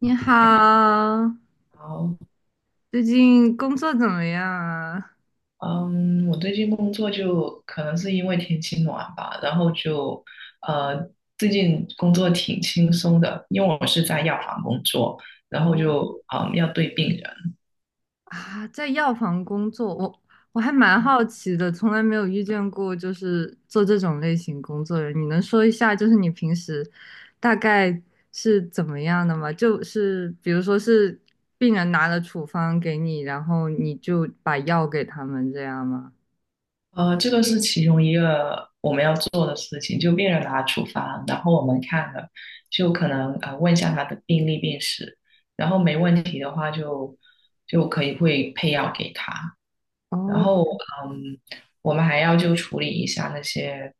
你好，好，最近工作怎么样啊？嗯，我最近工作就可能是因为天气暖吧，然后呃，最近工作挺轻松的，因为我是在药房工作，然后哦，就要对病人。啊，在药房工作，我还蛮好奇的，从来没有遇见过就是做这种类型工作的人。你能说一下，就是你平时大概是怎么样的吗？就是比如说是病人拿了处方给你，然后你就把药给他们这样吗？这个是其中一个我们要做的事情，就病人拿处方，然后我们看了，就可能问一下他的病历病史，然后没问题的话就可以会配药给他，然哦，后嗯，我们还要就处理一下那些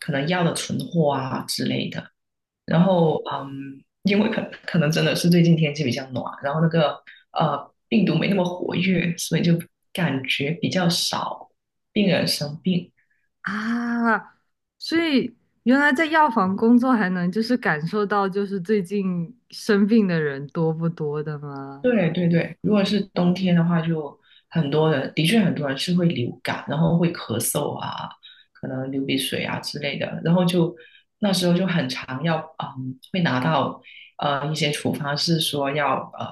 可能药的存货啊之类的。然哦，后嗯，因为可能真的是最近天气比较暖，然后那个病毒没那么活跃，所以就感觉比较少病人生病。啊，所以原来在药房工作还能就是感受到就是最近生病的人多不多的吗？对对对，如果是冬天的话，就很多人，的确很多人是会流感，然后会咳嗽啊，可能流鼻水啊之类的，然后就那时候就很常要，嗯，会拿到一些处方是说要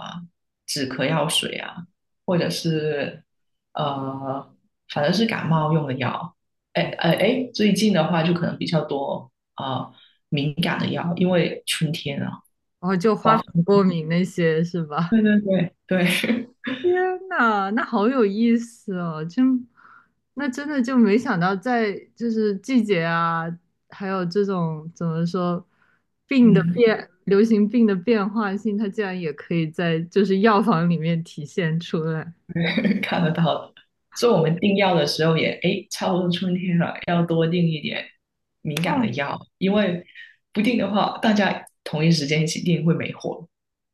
止咳药水啊，或者是呃反正是感冒用的药。哎哎哎，最近的话就可能比较多啊、敏感的药，因为春天啊。然后就花粉过敏那些是吧？对对对对，天呐，那好有意思哦！真，那真的就没想到在就是季节啊，还有这种怎么说 病的嗯。变，流行病的变化性，它竟然也可以在就是药房里面体现出来。看得到的。所以我们订药的时候也，哎，差不多春天了，要多订一点敏感的哦，药，因为不定的话，大家同一时间一起订会没货。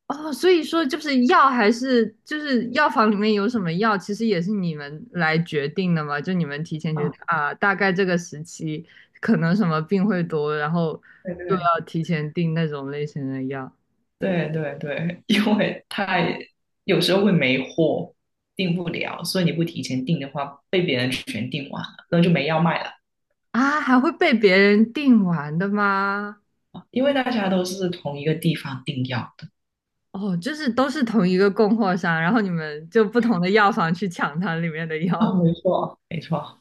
哦，所以说就是药还是就是药房里面有什么药，其实也是你们来决定的嘛？就你们提前觉得啊，啊，大概这个时期可能什么病会多，然后对就对要提前订那种类型的药对对对，因为太有时候会没货，订不了，所以你不提前订的话，被别人全订完了，那就没药卖了。啊，还会被别人订完的吗？因为大家都是同一个地方订药的。哦，就是都是同一个供货商，然后你们就不同的药房去抢它里面的啊，药。没错。没错，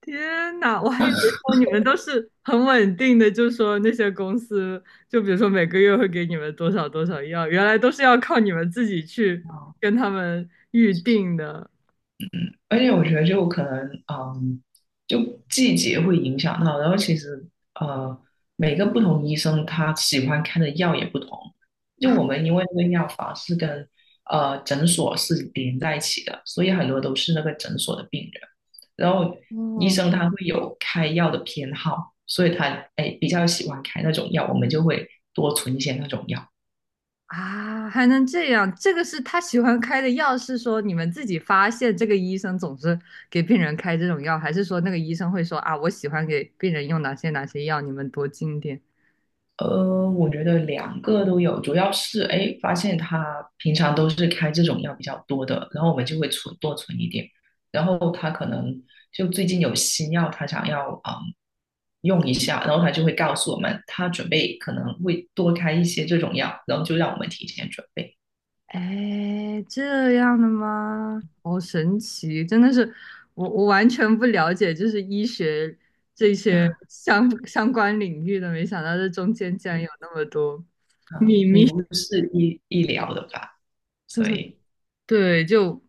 天呐，我还以为说你们都是很稳定的，就说那些公司，就比如说每个月会给你们多少多少药，原来都是要靠你们自己去哦。跟他们预定的而且我觉得就可能，嗯，就季节会影响到，然后其实呃，每个不同医生他喜欢开的药也不同。就啊。我们因为那个药房是跟诊所是连在一起的，所以很多都是那个诊所的病人。然后医哦生他会有开药的偏好，所以他哎比较喜欢开那种药，我们就会多存一些那种药。啊，还能这样？这个是他喜欢开的药，是说你们自己发现这个医生总是给病人开这种药，还是说那个医生会说啊，我喜欢给病人用哪些哪些药，你们多进点？呃，我觉得两个都有，主要是哎，发现他平常都是开这种药比较多的，然后我们就会多存一点，然后他可能就最近有新药，他想要用一下，然后他就会告诉我们，他准备可能会多开一些这种药，然后就让我们提前准备。哎，这样的吗？好神奇，真的是我完全不了解，就是医学这些 相关领域的，没想到这中间竟然嗯有那么多啊，秘你密。不是医疗的吧？所对以对，就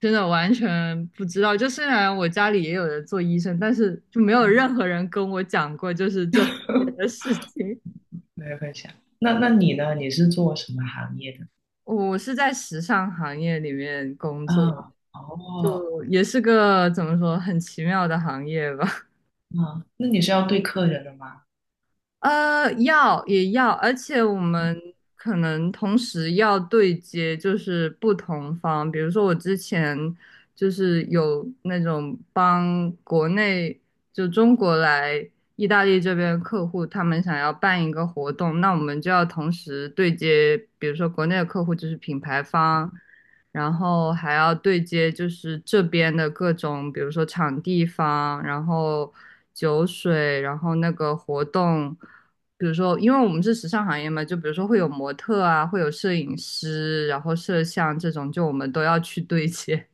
真的完全不知道。就虽然我家里也有人做医生，但是就没有嗯，任何人跟我讲过就是这方面的 事情。没有分享。那那你呢？你是做什么行业的？我是在时尚行业里面工作，啊，哦。就也是个怎么说很奇妙的行业吧。啊，那你是要对客人的吗？要也要，而且我们可能同时要对接，就是不同方。比如说，我之前就是有那种帮国内就中国来意大利这边的客户，他们想要办一个活动，那我们就要同时对接，比如说国内的客户就是品牌方，然后还要对接就是这边的各种，比如说场地方，然后酒水，然后那个活动，比如说，因为我们是时尚行业嘛，就比如说会有模特啊，会有摄影师，然后摄像这种，就我们都要去对接。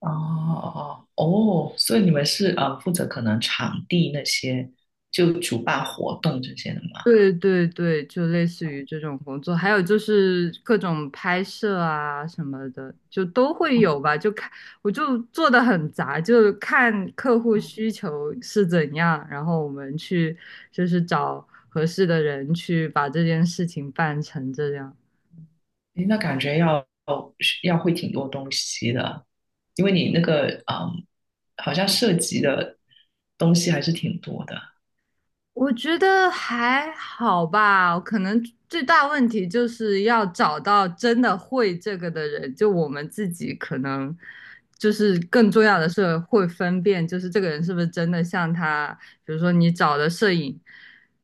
哦哦哦，所以你们是负责可能场地那些，就主办活动这些的吗？对对对，就类似于这种工作，还有就是各种拍摄啊什么的，就都会哦有吧。就看，我就做的很杂，就看客户哦，需求是怎样，然后我们去就是找合适的人去把这件事情办成这样。诶那感觉要会挺多东西的，因为你那个嗯，好像涉及的东西还是挺多的。我觉得还好吧，可能最大问题就是要找到真的会这个的人。就我们自己可能就是更重要的是会分辨，就是这个人是不是真的像他，比如说你找的摄影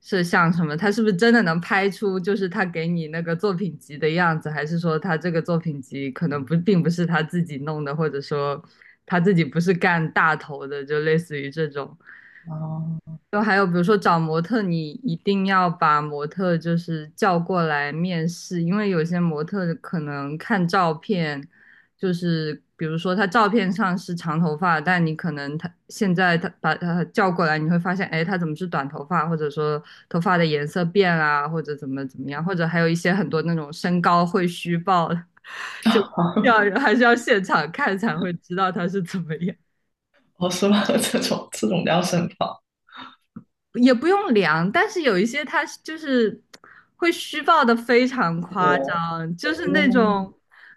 摄像什么，他是不是真的能拍出就是他给你那个作品集的样子，还是说他这个作品集可能不并不是他自己弄的，或者说他自己不是干大头的，就类似于这种。哦，就还有比如说找模特，你一定要把模特就是叫过来面试，因为有些模特可能看照片，就是比如说他照片上是长头发，但你可能他现在他把他叫过来，你会发现，哎，他怎么是短头发，或者说头发的颜色变啦，或者怎么怎么样，或者还有一些很多那种身高会虚报的，就 要还是要现场看才会知道他是怎么样。我说这种这种比较深也不用量，但是有一些他就是会虚报的非常夸我张，就是那哦，种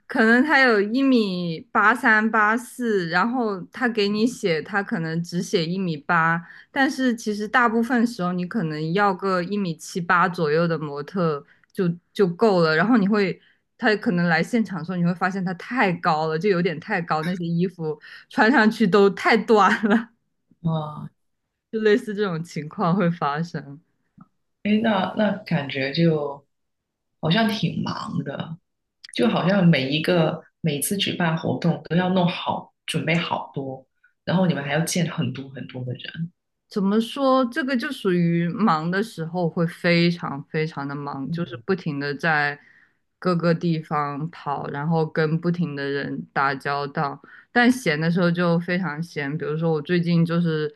可能他有1米83、84，然后他给你写他可能只写一米八，但是其实大部分时候你可能要个1米78左右的模特就够了，然后你会。他可能来现场的时候，你会发现他太高了，就有点太高，那些衣服穿上去都太短了，啊。就类似这种情况会发生。哎，那那感觉就好像挺忙的，就好像每一个每次举办活动都要弄好，准备好多，然后你们还要见很多很多的人。怎么说？这个就属于忙的时候会非常非常的忙，就是嗯，不停的在各个地方跑，然后跟不停的人打交道。但闲的时候就非常闲，比如说我最近就是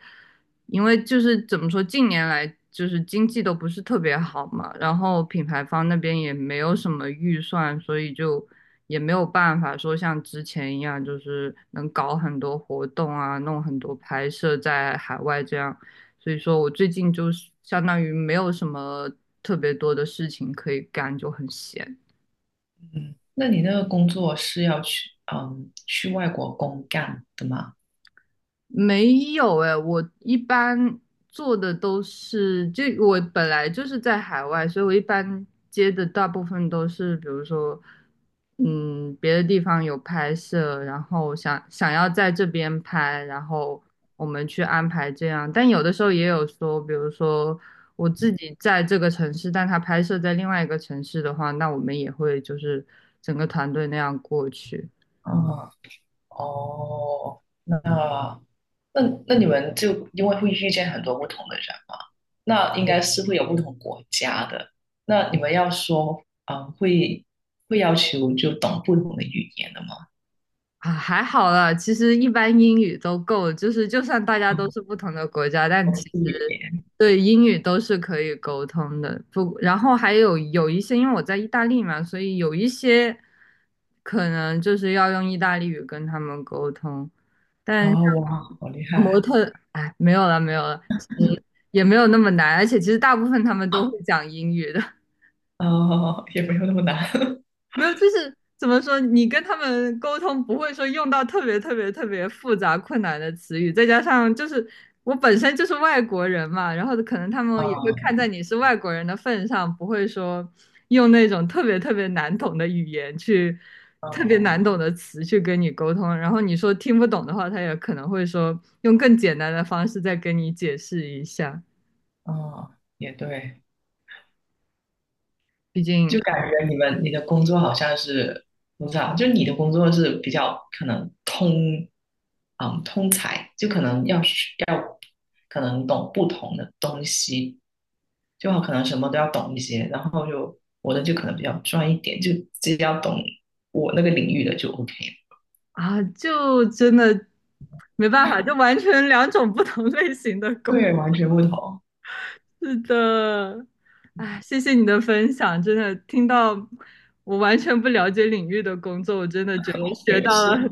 因为就是怎么说，近年来就是经济都不是特别好嘛，然后品牌方那边也没有什么预算，所以就也没有办法说像之前一样，就是能搞很多活动啊，弄很多拍摄在海外这样。所以说我最近就是相当于没有什么特别多的事情可以干，就很闲。嗯，那你那个工作是要去去外国公干的吗？没有哎，我一般做的都是，就我本来就是在海外，所以我一般接的大部分都是，比如说，嗯，别的地方有拍摄，然后想要在这边拍，然后我们去安排这样。但有的时候也有说，比如说我自己在这个城市，但他拍摄在另外一个城市的话，那我们也会就是整个团队那样过去。嗯啊，哦，那那那你们就因为会遇见很多不同的人嘛，那应该是会有不同国家的。那你们要说，嗯，会要求就懂不同的语言的吗？啊，还好啦，其实一般英语都够就是就算大家都是啊、不同的国家，但我其是语实言，对英语都是可以沟通的。不，然后还有一些，因为我在意大利嘛，所以有一些可能就是要用意大利语跟他们沟通，但像哦，哇，好厉模害特，哎，没有了，没有了，其实也没有那么难，而且其实大部分他们啊！都会讲英语的。哦，也没有那么难。没有，就是怎么说，你跟他们沟通不会说用到特别特别特别复杂困难的词语，再加上就是我本身就是外国人嘛，然后可能他们也会看在啊你是外国人的份上，不会说用那种特别特别难懂的语言去特别难啊懂的词去跟你沟通，然后你说听不懂的话，他也可能会说用更简单的方式再跟你解释一下，啊，也对。毕竟就感觉你们你的工作好像是我不知道，就你的工作是比较可能通，嗯，通才，就可能要学要可能懂不同的东西，就好，可能什么都要懂一些，然后就我的就可能比较专一点，就只要懂我那个领域的就 OK。啊，就真的没办法，就完全两种不同类型的工。对，完全不同，是的，哎，谢谢你的分享，真的听到我完全不了解领域的工作，我真的觉得我学也到是，了很。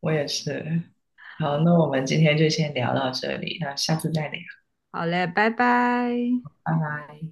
我也是。好，那我们今天就先聊到这里，那下次再聊，好嘞，拜拜。拜拜。